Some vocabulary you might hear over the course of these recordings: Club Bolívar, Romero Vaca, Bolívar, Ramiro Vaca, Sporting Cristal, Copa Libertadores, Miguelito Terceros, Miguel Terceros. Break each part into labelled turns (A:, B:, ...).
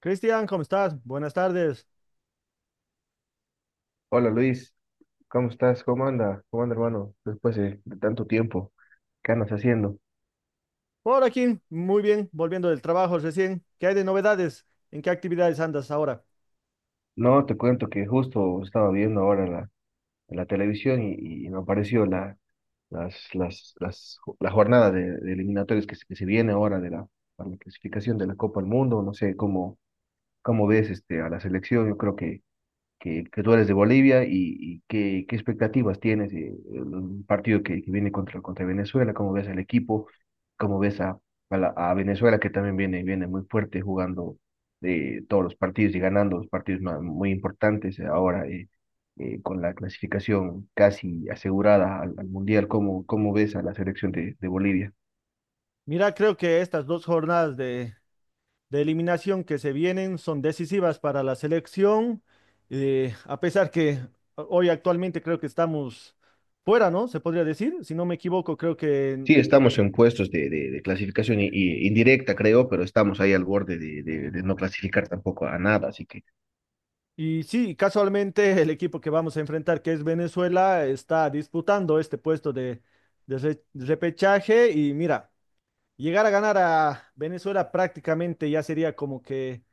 A: Cristian, ¿cómo estás? Buenas tardes.
B: Hola Luis, ¿cómo estás? ¿Cómo anda? ¿Cómo anda hermano? Después de tanto tiempo, ¿qué andas haciendo?
A: Por aquí, muy bien, volviendo del trabajo recién. ¿Qué hay de novedades? ¿En qué actividades andas ahora?
B: No, te cuento que justo estaba viendo ahora la televisión y me apareció la, las, ju- la jornada de eliminatorias que se viene ahora para la clasificación de la Copa del Mundo. No sé cómo ves a la selección. Yo creo que tú eres de Bolivia y qué expectativas tienes un partido que viene contra Venezuela, cómo ves al equipo, cómo ves a Venezuela que también viene muy fuerte jugando todos los partidos y ganando los partidos muy importantes ahora con la clasificación casi asegurada al Mundial. Cómo ves a la selección de Bolivia?
A: Mira, creo que estas dos jornadas de eliminación que se vienen son decisivas para la selección, a pesar que hoy actualmente creo que estamos fuera, ¿no? Se podría decir, si no me equivoco, creo que...
B: Sí, estamos en puestos de clasificación indirecta, creo, pero estamos ahí al borde de no clasificar tampoco a nada, así que
A: y sí, casualmente el equipo que vamos a enfrentar, que es Venezuela, está disputando este puesto de repechaje y mira. Llegar a ganar a Venezuela prácticamente ya sería como que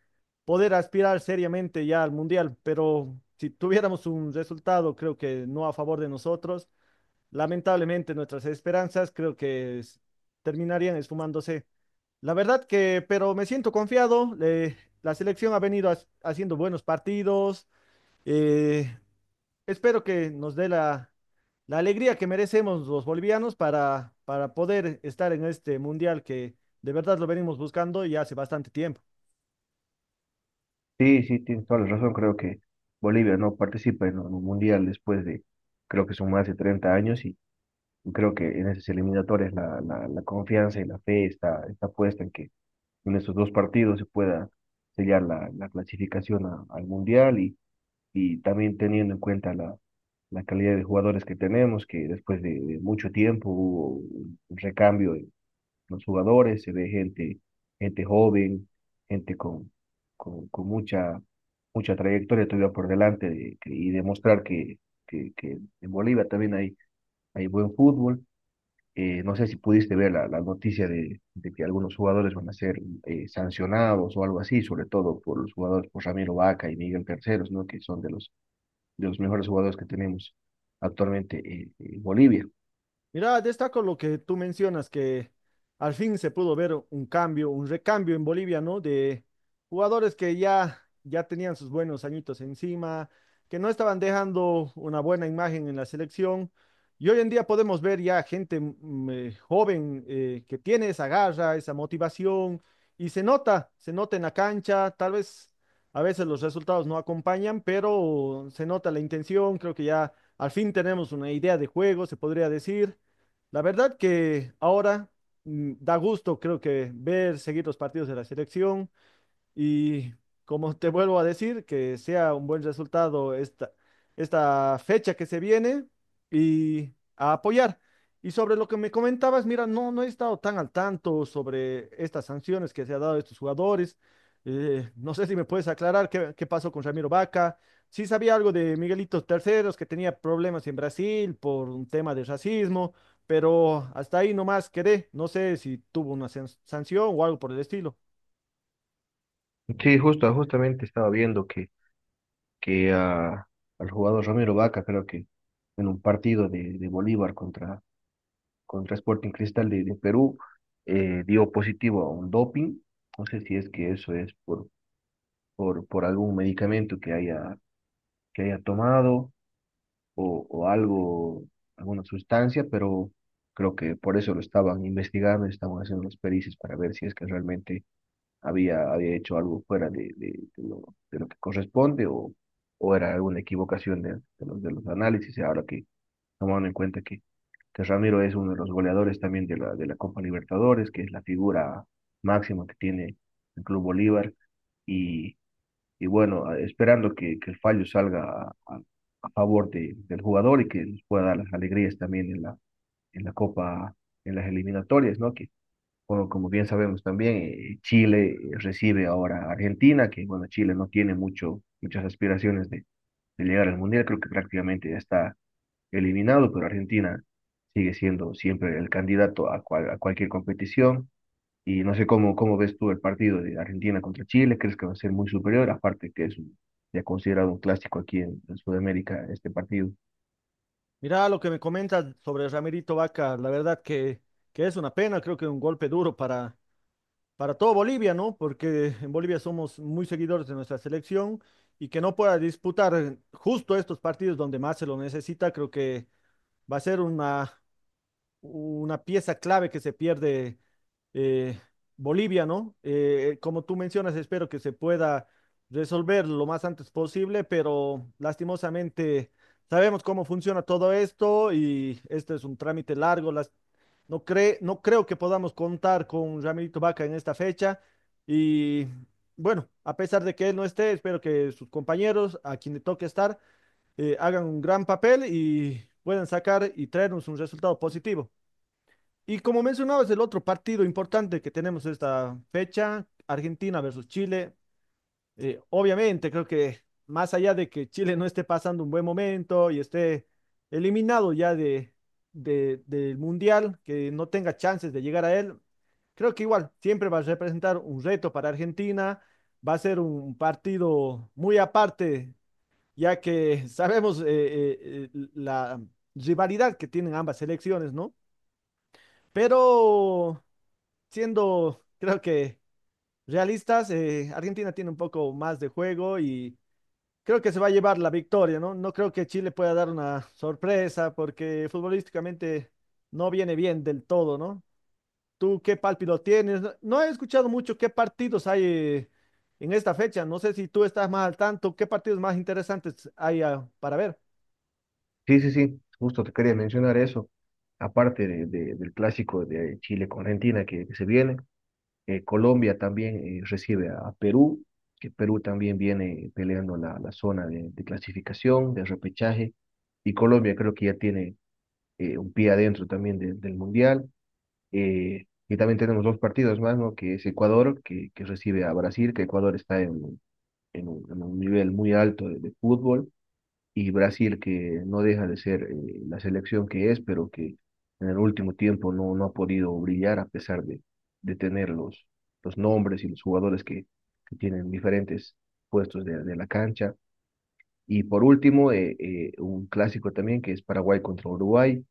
A: poder aspirar seriamente ya al mundial, pero si tuviéramos un resultado, creo que no a favor de nosotros, lamentablemente nuestras esperanzas creo que terminarían esfumándose. La verdad que, pero me siento confiado, la selección ha venido haciendo buenos partidos, eh, espero que nos dé la alegría que merecemos los bolivianos para poder estar en este mundial que de verdad lo venimos buscando ya hace bastante tiempo.
B: sí, sí, tienes toda la razón. Creo que Bolivia no participa en un mundial después creo que son más de 30 años, y creo que en esas eliminatorias la confianza y la fe está puesta en que en estos dos partidos se pueda sellar la clasificación al mundial. Y también teniendo en cuenta la calidad de jugadores que tenemos, que después de mucho tiempo hubo un recambio los jugadores, se ve gente, gente joven, gente con mucha trayectoria todavía por delante y demostrar que en Bolivia también hay buen fútbol. No sé si pudiste ver la noticia de que algunos jugadores van a ser sancionados o algo así, sobre todo por los jugadores, por Ramiro Vaca y Miguel Terceros, ¿no? Que son de los mejores jugadores que tenemos actualmente, en Bolivia.
A: Mira, destaco lo que tú mencionas, que al fin se pudo ver un cambio, un recambio en Bolivia, ¿no? De jugadores que ya tenían sus buenos añitos encima, que no estaban dejando una buena imagen en la selección. Y hoy en día podemos ver ya gente joven, que tiene esa garra, esa motivación, y se nota en la cancha, tal vez a veces los resultados no acompañan, pero se nota la intención, creo que ya al fin tenemos una idea de juego, se podría decir. La verdad que ahora, da gusto, creo que ver, seguir los partidos de la selección. Y como te vuelvo a decir, que sea un buen resultado esta fecha que se viene y a apoyar. Y sobre lo que me comentabas, mira, no, no he estado tan al tanto sobre estas sanciones que se ha dado a estos jugadores. No sé si me puedes aclarar qué pasó con Ramiro Vaca. Sí sabía algo de Miguelito Terceros, que tenía problemas en Brasil por un tema de racismo, pero hasta ahí nomás quedé. No sé si tuvo una sanción o algo por el estilo.
B: Sí, justo, justamente estaba viendo que al jugador Romero Vaca, creo que en un partido de Bolívar contra Sporting Cristal de Perú, dio positivo a un doping. No sé si es que eso es por algún medicamento que haya tomado o algo, alguna sustancia, pero creo que por eso lo estaban investigando, estaban haciendo las pericias para ver si es que realmente había hecho algo fuera de lo que corresponde, o era alguna equivocación de los análisis. Y ahora que, tomando en cuenta que Ramiro es uno de los goleadores también de la Copa Libertadores, que es la figura máxima que tiene el Club Bolívar. Y, y bueno, esperando que el fallo salga a favor del jugador y que nos pueda dar las alegrías también en la Copa, en las eliminatorias, ¿no? Bueno, como bien sabemos también, Chile recibe ahora a Argentina, que bueno, Chile no tiene mucho, muchas aspiraciones de llegar al Mundial, creo que prácticamente ya está eliminado, pero Argentina sigue siendo siempre el candidato a cualquier competición. Y no sé cómo ves tú el partido de Argentina contra Chile. ¿Crees que va a ser muy superior? Aparte que es ya considerado un clásico aquí en Sudamérica este partido.
A: Mirá lo que me comentas sobre Ramirito Vaca, la verdad que es una pena, creo que un golpe duro para todo Bolivia, ¿no? Porque en Bolivia somos muy seguidores de nuestra selección y que no pueda disputar justo estos partidos donde más se lo necesita, creo que va a ser una pieza clave que se pierde, eh, Bolivia, ¿no? Como tú mencionas, espero que se pueda resolver lo más antes posible, pero lastimosamente sabemos cómo funciona todo esto y este es un trámite largo. No creo que podamos contar con Ramirito Vaca en esta fecha y bueno, a pesar de que él no esté, espero que sus compañeros, a quien le toque estar, hagan un gran papel y puedan sacar y traernos un resultado positivo. Y como mencionabas, el otro partido importante que tenemos esta fecha, Argentina versus Chile, obviamente creo que más allá de que Chile no esté pasando un buen momento y esté eliminado ya del Mundial, que no tenga chances de llegar a él, creo que igual siempre va a representar un reto para Argentina, va a ser un partido muy aparte, ya que sabemos la rivalidad que tienen ambas selecciones, ¿no? Pero siendo, creo que realistas, Argentina tiene un poco más de juego y creo que se va a llevar la victoria, ¿no? No creo que Chile pueda dar una sorpresa porque futbolísticamente no viene bien del todo, ¿no? ¿Tú qué pálpito tienes? No, no he escuchado mucho qué partidos hay en esta fecha. No sé si tú estás más al tanto, qué partidos más interesantes hay para ver.
B: Sí, sí, sí, justo te quería mencionar eso, aparte del clásico de Chile con Argentina que se viene. Colombia también recibe a Perú, que Perú también viene peleando la zona de clasificación, de repechaje, y Colombia creo que ya tiene, un pie adentro también del Mundial. Y también tenemos dos partidos más, ¿no? Que es Ecuador, que recibe a Brasil, que Ecuador está en un nivel muy alto de fútbol, y Brasil, que no deja de ser, la selección que es, pero que en el último tiempo no ha podido brillar a pesar de tener los nombres y los jugadores que tienen diferentes puestos de la cancha. Y por último, un clásico también que es Paraguay contra Uruguay,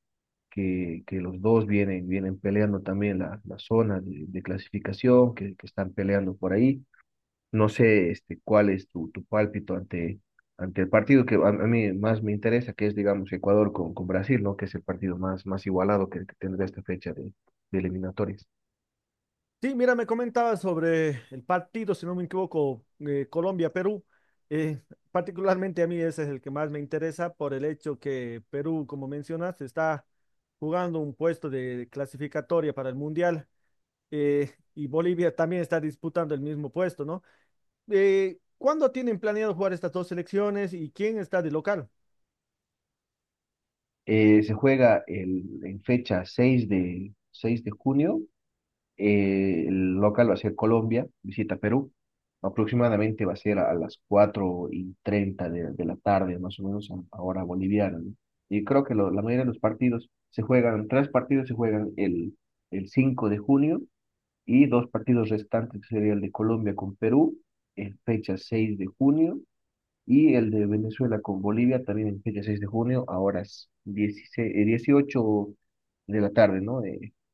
B: que los dos vienen, peleando también la zona de clasificación, que están peleando por ahí. No sé cuál es tu pálpito ante el partido que a mí más me interesa, que es, digamos, Ecuador con Brasil, ¿no? Que es el partido más igualado que tendrá esta fecha de eliminatorias.
A: Sí, mira, me comentaba sobre el partido, si no me equivoco, Colombia-Perú. Eh, Particularmente a mí ese es el que más me interesa por el hecho que Perú, como mencionas, está jugando un puesto de clasificatoria para el Mundial, y Bolivia también está disputando el mismo puesto, ¿no? ¿Cuándo tienen planeado jugar estas dos selecciones y quién está de local?
B: Se juega en fecha seis de junio. El local va a ser Colombia, visita Perú. Aproximadamente va a ser a las 4:30 de la tarde, más o menos a hora boliviana, ¿no? Y creo que la mayoría de los partidos se juegan, tres partidos se juegan el 5 de junio y dos partidos restantes, que sería el de Colombia con Perú en fecha 6 de junio y el de Venezuela con Bolivia también en fecha 6 de junio a horas 16, 18 de la tarde, ¿no? Que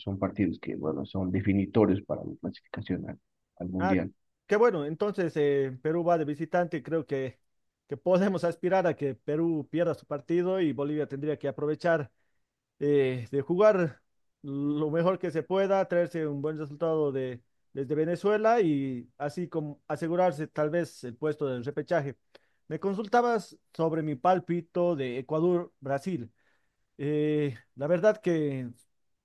B: son partidos que, bueno, son definitorios para la clasificación al
A: Ah,
B: Mundial.
A: qué bueno. Entonces, Perú va de visitante. Creo que podemos aspirar a que Perú pierda su partido y Bolivia tendría que aprovechar, de jugar lo mejor que se pueda, traerse un buen resultado desde Venezuela y así como asegurarse tal vez el puesto del repechaje. Me consultabas sobre mi pálpito de Ecuador-Brasil. La verdad que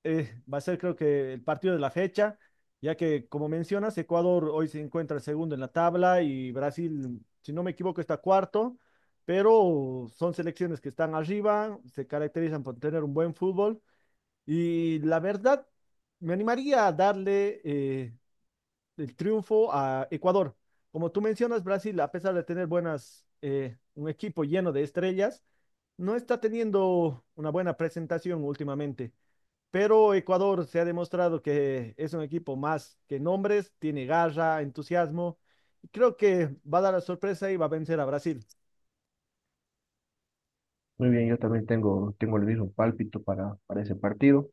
A: va a ser creo que el partido de la fecha, ya que como mencionas, Ecuador hoy se encuentra segundo en la tabla y Brasil, si no me equivoco, está cuarto, pero son selecciones que están arriba, se caracterizan por tener un buen fútbol y la verdad me animaría a darle el triunfo a Ecuador. Como tú mencionas, Brasil, a pesar de tener buenas, un equipo lleno de estrellas, no está teniendo una buena presentación últimamente. Pero Ecuador se ha demostrado que es un equipo más que nombres, tiene garra, entusiasmo. Y creo que va a dar la sorpresa y va a vencer a Brasil.
B: Muy bien, yo también tengo, tengo el mismo pálpito para ese partido,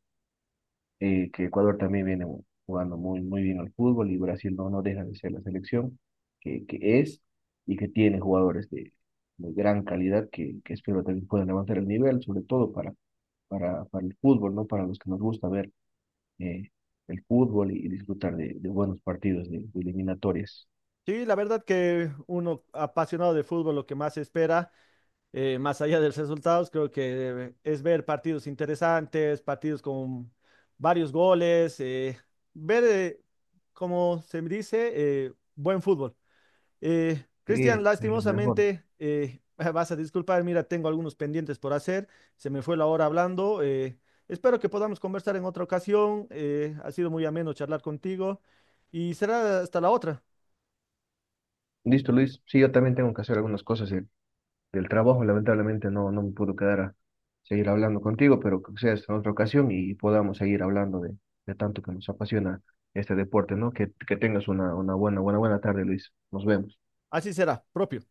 B: que Ecuador también viene jugando muy, muy bien al fútbol, y Brasil no deja de ser la selección que es y que tiene jugadores de gran calidad que espero también puedan levantar el nivel, sobre todo para el fútbol, ¿no? Para los que nos gusta ver, eh, el fútbol y disfrutar de buenos partidos, de eliminatorias.
A: Sí, la verdad que uno apasionado de fútbol lo que más espera, más allá de los resultados, creo que es ver partidos interesantes, partidos con varios goles, ver, eh, como se dice, buen fútbol. Cristian,
B: Sí, es lo mejor.
A: lastimosamente, vas a disculpar, mira, tengo algunos pendientes por hacer, se me fue la hora hablando. Espero que podamos conversar en otra ocasión, ha sido muy ameno charlar contigo y será hasta la otra,
B: Listo, Luis. Sí, yo también tengo que hacer algunas cosas del trabajo. Lamentablemente no me puedo quedar a seguir hablando contigo, pero que sea en otra ocasión y podamos seguir hablando de tanto que nos apasiona este deporte, ¿no? Que tengas una buena, buena, buena tarde, Luis. Nos vemos.
A: así será, propio.